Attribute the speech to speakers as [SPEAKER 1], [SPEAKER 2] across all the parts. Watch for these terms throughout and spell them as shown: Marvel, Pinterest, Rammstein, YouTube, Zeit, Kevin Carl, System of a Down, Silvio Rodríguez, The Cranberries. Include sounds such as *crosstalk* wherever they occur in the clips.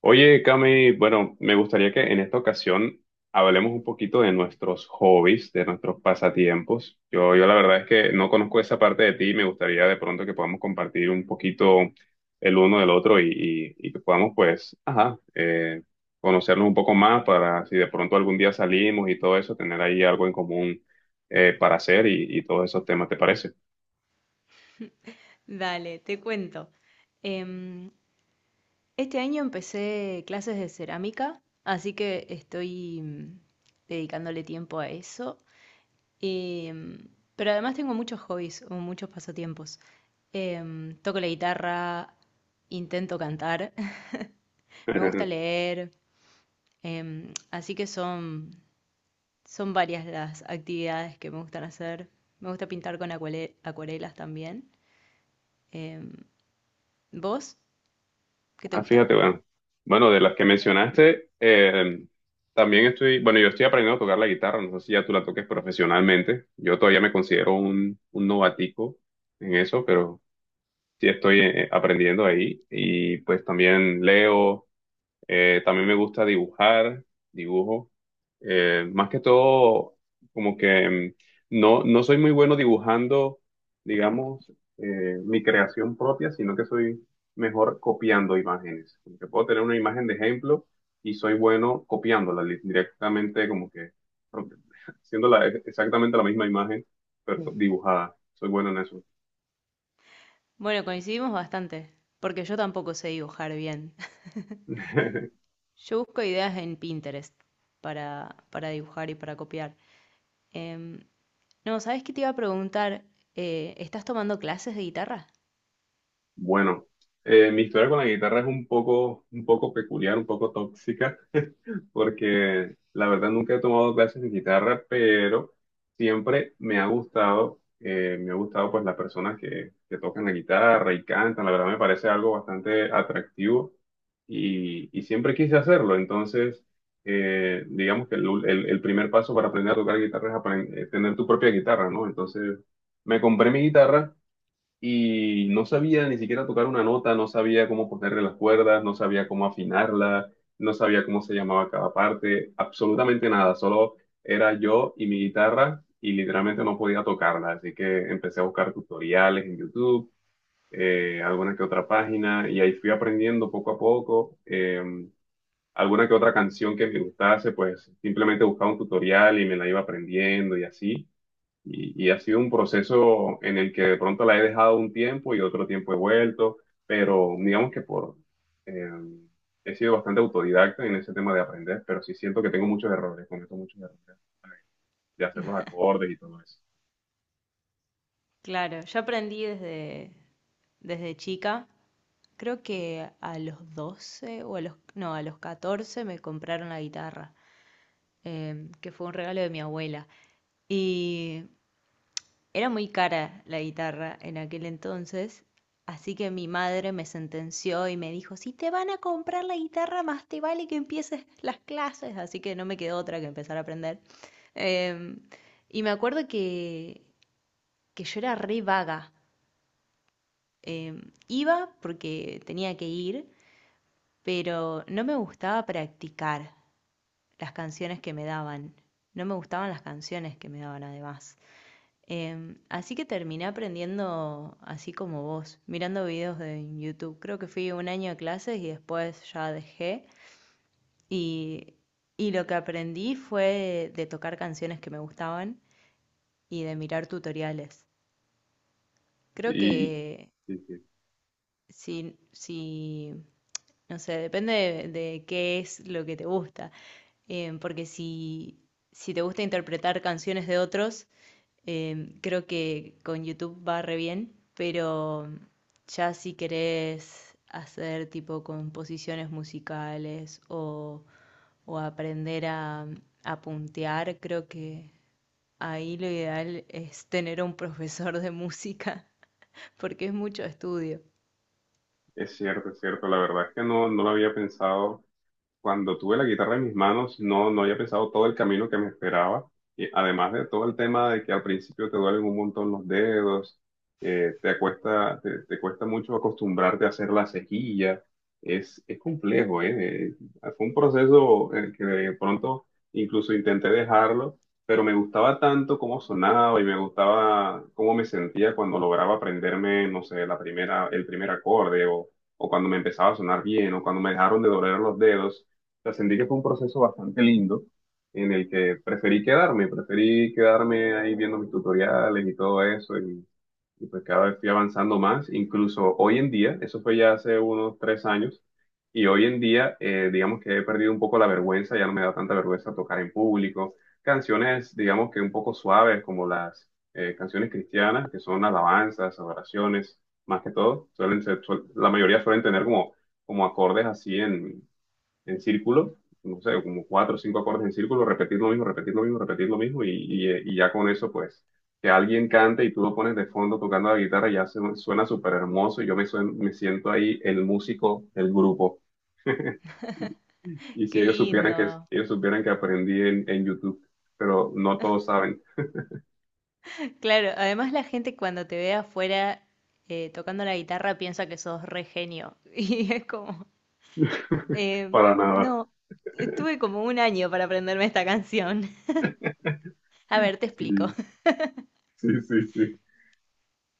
[SPEAKER 1] Oye, Cami, bueno, me gustaría que en esta ocasión hablemos un poquito de nuestros hobbies, de nuestros pasatiempos. Yo la verdad es que no conozco esa parte de ti y me gustaría de pronto que podamos compartir un poquito el uno del otro y que podamos, pues, ajá, conocernos un poco más para si de pronto algún día salimos y todo eso, tener ahí algo en común para hacer y todos esos temas, ¿te parece?
[SPEAKER 2] Dale, te cuento. Em, este año empecé clases de cerámica, así que estoy dedicándole tiempo a eso. Em, pero además tengo muchos hobbies o muchos pasatiempos. Toco la guitarra, intento cantar, *laughs* me gusta
[SPEAKER 1] *laughs*
[SPEAKER 2] leer, así que son varias las actividades que me gustan hacer. Me gusta pintar con acuarelas también. Em, ¿Vos? ¿Qué te
[SPEAKER 1] Ah,
[SPEAKER 2] gusta?
[SPEAKER 1] fíjate, bueno. Bueno, de las que mencionaste, también estoy, bueno, yo estoy aprendiendo a tocar la guitarra, no sé si ya tú la toques profesionalmente. Yo todavía me considero un novatico en eso, pero sí estoy aprendiendo ahí, y pues también leo, también me gusta dibujar, dibujo. Más que todo, como que no, no soy muy bueno dibujando, digamos, mi creación propia, sino que soy mejor copiando imágenes. Como que puedo tener una imagen de ejemplo y soy bueno directamente, como que pro- *laughs* exactamente la misma imagen, pero dibujada. Soy bueno en eso.
[SPEAKER 2] Bueno, coincidimos bastante, porque yo tampoco sé dibujar bien. *laughs*
[SPEAKER 1] *laughs*
[SPEAKER 2] Yo busco ideas en Pinterest para dibujar y para copiar. Em, no, ¿sabes qué te iba a preguntar? ¿Estás tomando clases de guitarra?
[SPEAKER 1] Bueno, mi historia con la guitarra es un poco peculiar, un poco tóxica, porque la verdad nunca he tomado clases de guitarra, pero siempre me ha gustado. Eh, me ha gustado pues las personas que tocan la guitarra y cantan. La verdad me parece algo bastante atractivo, y siempre quise hacerlo. Entonces digamos que el primer paso para aprender a tocar guitarra es tener tu propia guitarra, ¿no? Entonces me compré mi guitarra y no sabía ni siquiera tocar una nota, no sabía cómo ponerle las cuerdas, no sabía cómo afinarla, no sabía cómo se llamaba cada parte, absolutamente nada. Solo era yo y mi guitarra y literalmente no podía tocarla, así que empecé a buscar tutoriales en YouTube, alguna que otra página, y ahí fui aprendiendo poco a poco. Alguna que otra canción que me gustase, pues simplemente buscaba un tutorial y me la iba aprendiendo, y así. Y y ha sido un proceso en el que de pronto la he dejado un tiempo y otro tiempo he vuelto, pero digamos que por, eh, he sido bastante autodidacta en ese tema de aprender, pero sí siento que tengo muchos errores, cometo muchos errores de hacer los acordes y todo eso.
[SPEAKER 2] Claro, yo aprendí desde chica. Creo que a los 12 o a los, no, a los 14 me compraron la guitarra, que fue un regalo de mi abuela. Y era muy cara la guitarra en aquel entonces, así que mi madre me sentenció y me dijo, si te van a comprar la guitarra, más te vale que empieces las clases, así que no me quedó otra que empezar a aprender. Eh, y me acuerdo que yo era re vaga. Eh, Iba porque tenía que ir, pero no me gustaba practicar las canciones que me daban. No me gustaban las canciones que me daban además. Así que terminé aprendiendo así como vos, mirando videos de YouTube. Creo que fui un año a clases y después ya dejé. Y, y lo que aprendí fue de tocar canciones que me gustaban y de mirar tutoriales. Creo que
[SPEAKER 1] Y sí, sí,
[SPEAKER 2] si, si no sé, depende de qué es lo que te gusta. Porque si te gusta interpretar canciones de otros, creo que con YouTube va re bien, pero ya si querés hacer tipo composiciones musicales o aprender a puntear, creo que ahí lo ideal es tener un profesor de música, *laughs* porque es mucho estudio.
[SPEAKER 1] es cierto, la verdad es que no, no lo había pensado. Cuando tuve la guitarra en mis manos, no, no había pensado todo el camino que me esperaba. Y además de todo el tema de que al principio te duelen un montón los dedos, te cuesta, te cuesta mucho acostumbrarte a hacer la cejilla. Es complejo, ¿eh? Fue un proceso en el que de pronto incluso intenté dejarlo, pero me gustaba tanto cómo sonaba y me gustaba cómo me sentía cuando lograba aprenderme, no sé, la primera, el primer acorde, o cuando me empezaba a sonar bien, o cuando me dejaron de doler los dedos, sea, sentí que fue un proceso bastante lindo en el que preferí quedarme ahí viendo mis tutoriales y todo eso, y pues cada vez fui avanzando más. Incluso hoy en día, eso fue ya hace unos 3 años, y hoy en día digamos que he perdido un poco la vergüenza, ya no me da tanta vergüenza tocar en público canciones digamos que un poco suaves como las canciones cristianas que son alabanzas, adoraciones, más que todo. Suelen ser, la mayoría suelen tener como como acordes así en círculo, no sé, como cuatro o cinco acordes en círculo, repetir lo mismo, repetir lo mismo, repetir lo mismo, y ya con eso, pues, que alguien cante y tú lo pones de fondo tocando la guitarra, ya suena súper hermoso, y yo me, me siento ahí el músico del grupo. Y y si
[SPEAKER 2] Qué
[SPEAKER 1] ellos supieran que,
[SPEAKER 2] lindo.
[SPEAKER 1] ellos supieran que aprendí en YouTube, pero no todos saben.
[SPEAKER 2] Claro, además la gente cuando te ve afuera tocando la guitarra piensa que sos re genio. *laughs* Y es como,
[SPEAKER 1] *laughs*
[SPEAKER 2] eh,
[SPEAKER 1] Para nada.
[SPEAKER 2] no, estuve como un año para aprenderme esta canción. *laughs* A ver, te
[SPEAKER 1] Sí,
[SPEAKER 2] explico. *laughs*
[SPEAKER 1] sí, sí, sí,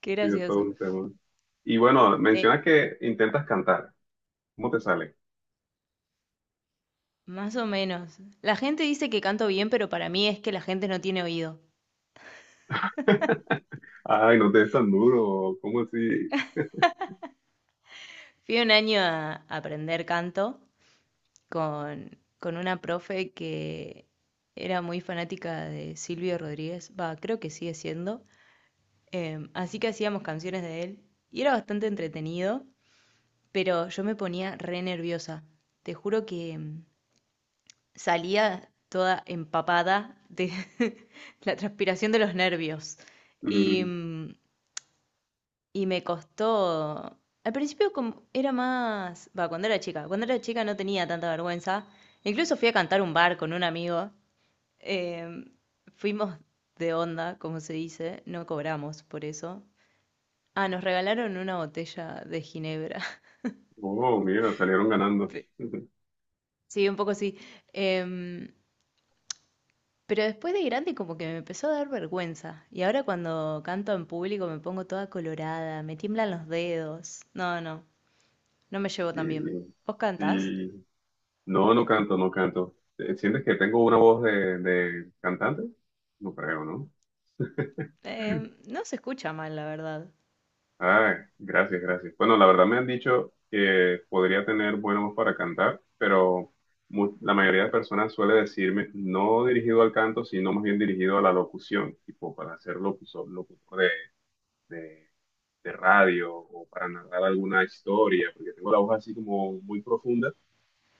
[SPEAKER 2] Qué
[SPEAKER 1] sí, es todo
[SPEAKER 2] gracioso.
[SPEAKER 1] un tema. Y bueno,
[SPEAKER 2] Eh,
[SPEAKER 1] mencionas que intentas cantar, ¿cómo te sale?
[SPEAKER 2] Más o menos. La gente dice que canto bien, pero para mí es que la gente no tiene oído.
[SPEAKER 1] Ay, no te des tan duro. ¿Cómo así?
[SPEAKER 2] Fui un año a aprender canto con una profe que era muy fanática de Silvio Rodríguez. Va, creo que sigue siendo. Así que hacíamos canciones de él y era bastante entretenido, pero yo me ponía re nerviosa. Te juro que salía toda empapada de *laughs* la transpiración de los nervios. Y,
[SPEAKER 1] Mm.
[SPEAKER 2] mm, y me costó... Al principio como era más... Va, cuando era chica. Cuando era chica no tenía tanta vergüenza. Incluso fui a cantar un bar con un amigo. em, Fuimos de onda, como se dice. No cobramos por eso. Ah, nos regalaron una botella de ginebra.
[SPEAKER 1] Oh, mira, salieron ganando.
[SPEAKER 2] *laughs* Pe-
[SPEAKER 1] *laughs*
[SPEAKER 2] Sí, un poco sí. Em, pero después de grande como que me empezó a dar vergüenza. Y ahora cuando canto en público me pongo toda colorada, me tiemblan los dedos. No, no me llevo
[SPEAKER 1] Y,
[SPEAKER 2] tan bien. ¿Vos cantás?
[SPEAKER 1] y- no, no canto, no canto. ¿Sientes que tengo una voz de cantante? No creo, ¿no?
[SPEAKER 2] No se escucha mal, la verdad.
[SPEAKER 1] Ay, gracias, gracias. Bueno, la verdad me han dicho que podría tener buena voz para cantar, pero la mayoría de personas suele decirme no dirigido al canto, sino más bien dirigido a la locución, tipo para ser locutor, locutor de de radio, o para narrar alguna historia, porque tengo la voz así como muy profunda,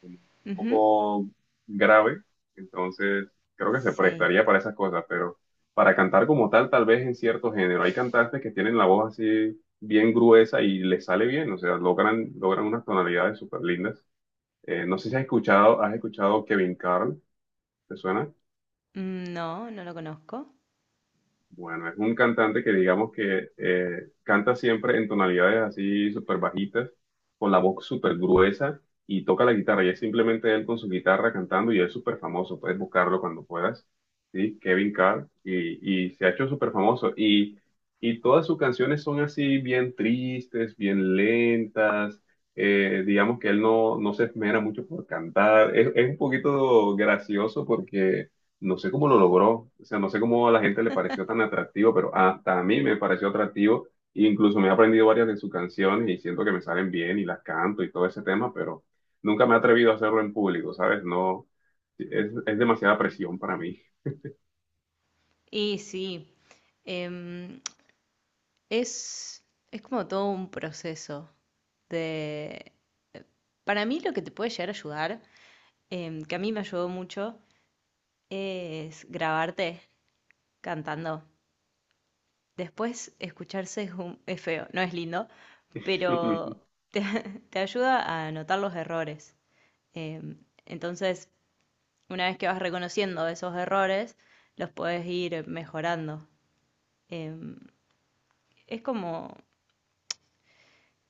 [SPEAKER 1] como un
[SPEAKER 2] Ujú.
[SPEAKER 1] poco grave, entonces creo que se
[SPEAKER 2] Sí.
[SPEAKER 1] prestaría para esas cosas, pero para cantar como tal, tal vez en cierto género. Hay cantantes que tienen la voz así bien gruesa y les sale bien, o sea, logran, logran unas tonalidades súper lindas. No sé si has escuchado, has escuchado Kevin Carl, ¿te suena?
[SPEAKER 2] Mm, no, no lo conozco.
[SPEAKER 1] Bueno, es un cantante que digamos que canta siempre en tonalidades así súper bajitas, con la voz súper gruesa, y toca la guitarra. Y es simplemente él con su guitarra cantando, y es súper famoso. Puedes buscarlo cuando puedas. Sí, Kevin Carr. Y y se ha hecho súper famoso. Y y todas sus canciones son así bien tristes, bien lentas. Digamos que él no, no se esmera mucho por cantar. Es un poquito gracioso porque no sé cómo lo logró, o sea, no sé cómo a la gente le pareció tan atractivo, pero hasta a mí me pareció atractivo. Incluso me he aprendido varias de sus canciones y siento que me salen bien, y las canto y todo ese tema, pero nunca me he atrevido a hacerlo en público, ¿sabes? No, es demasiada presión para mí.
[SPEAKER 2] Y sí, em, es, es como todo un proceso de... Para mí lo que te puede llegar a ayudar que a mí me ayudó mucho es grabarte cantando. Después escucharse es feo, no es lindo, pero
[SPEAKER 1] *laughs*
[SPEAKER 2] te, *laughs* te ayuda a notar los errores. Em, entonces, una vez que vas reconociendo esos errores, los puedes ir mejorando. Em, es como,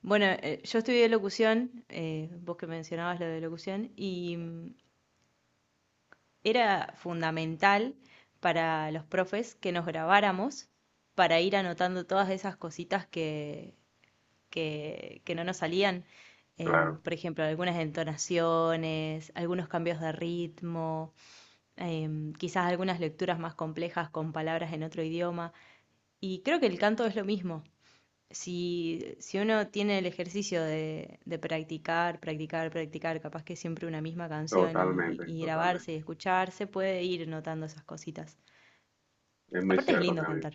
[SPEAKER 2] bueno, yo estudié locución, vos que mencionabas lo de locución, y era fundamental para los profes que nos grabáramos para ir anotando todas esas cositas que no nos salían.
[SPEAKER 1] Claro,
[SPEAKER 2] Por ejemplo, algunas entonaciones, algunos cambios de ritmo, quizás algunas lecturas más complejas con palabras en otro idioma. Y creo que el canto es lo mismo si uno tiene el ejercicio de practicar, practicar, practicar, capaz que siempre una misma canción
[SPEAKER 1] totalmente,
[SPEAKER 2] y grabarse y
[SPEAKER 1] totalmente.
[SPEAKER 2] escucharse, puede ir notando esas cositas.
[SPEAKER 1] Es muy
[SPEAKER 2] Aparte es
[SPEAKER 1] cierto que
[SPEAKER 2] lindo cantar.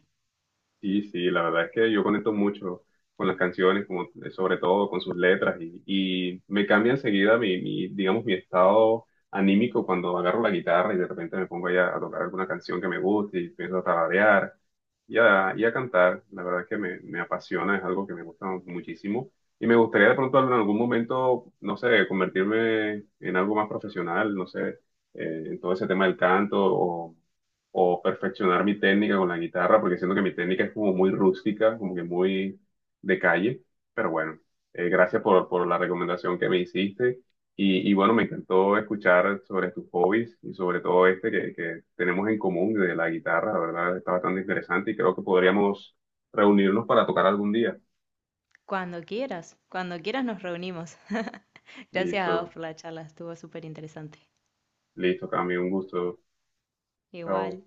[SPEAKER 1] sí, sí, la verdad es que yo conecto mucho con las canciones, como, sobre todo con sus letras, y me cambia enseguida mi, mi, digamos, mi estado anímico cuando agarro la guitarra y de repente me pongo ahí a tocar alguna canción que me guste y empiezo a tararear y a cantar. La verdad es que me apasiona, es algo que me gusta muchísimo. Y me gustaría de pronto en algún momento, no sé, convertirme en algo más profesional, no sé, en todo ese tema del canto, o perfeccionar mi técnica con la guitarra, porque siento que mi técnica es como muy rústica, como que muy de calle. Pero bueno, gracias por la recomendación que me hiciste. Y y bueno, me encantó escuchar sobre tus hobbies y sobre todo este que tenemos en común de la guitarra, la verdad está bastante interesante y creo que podríamos reunirnos para tocar algún día.
[SPEAKER 2] Cuando quieras nos reunimos. *laughs* Gracias a vos
[SPEAKER 1] Listo,
[SPEAKER 2] por la charla, estuvo súper interesante.
[SPEAKER 1] listo, Cami, un gusto. Chao.
[SPEAKER 2] Igual.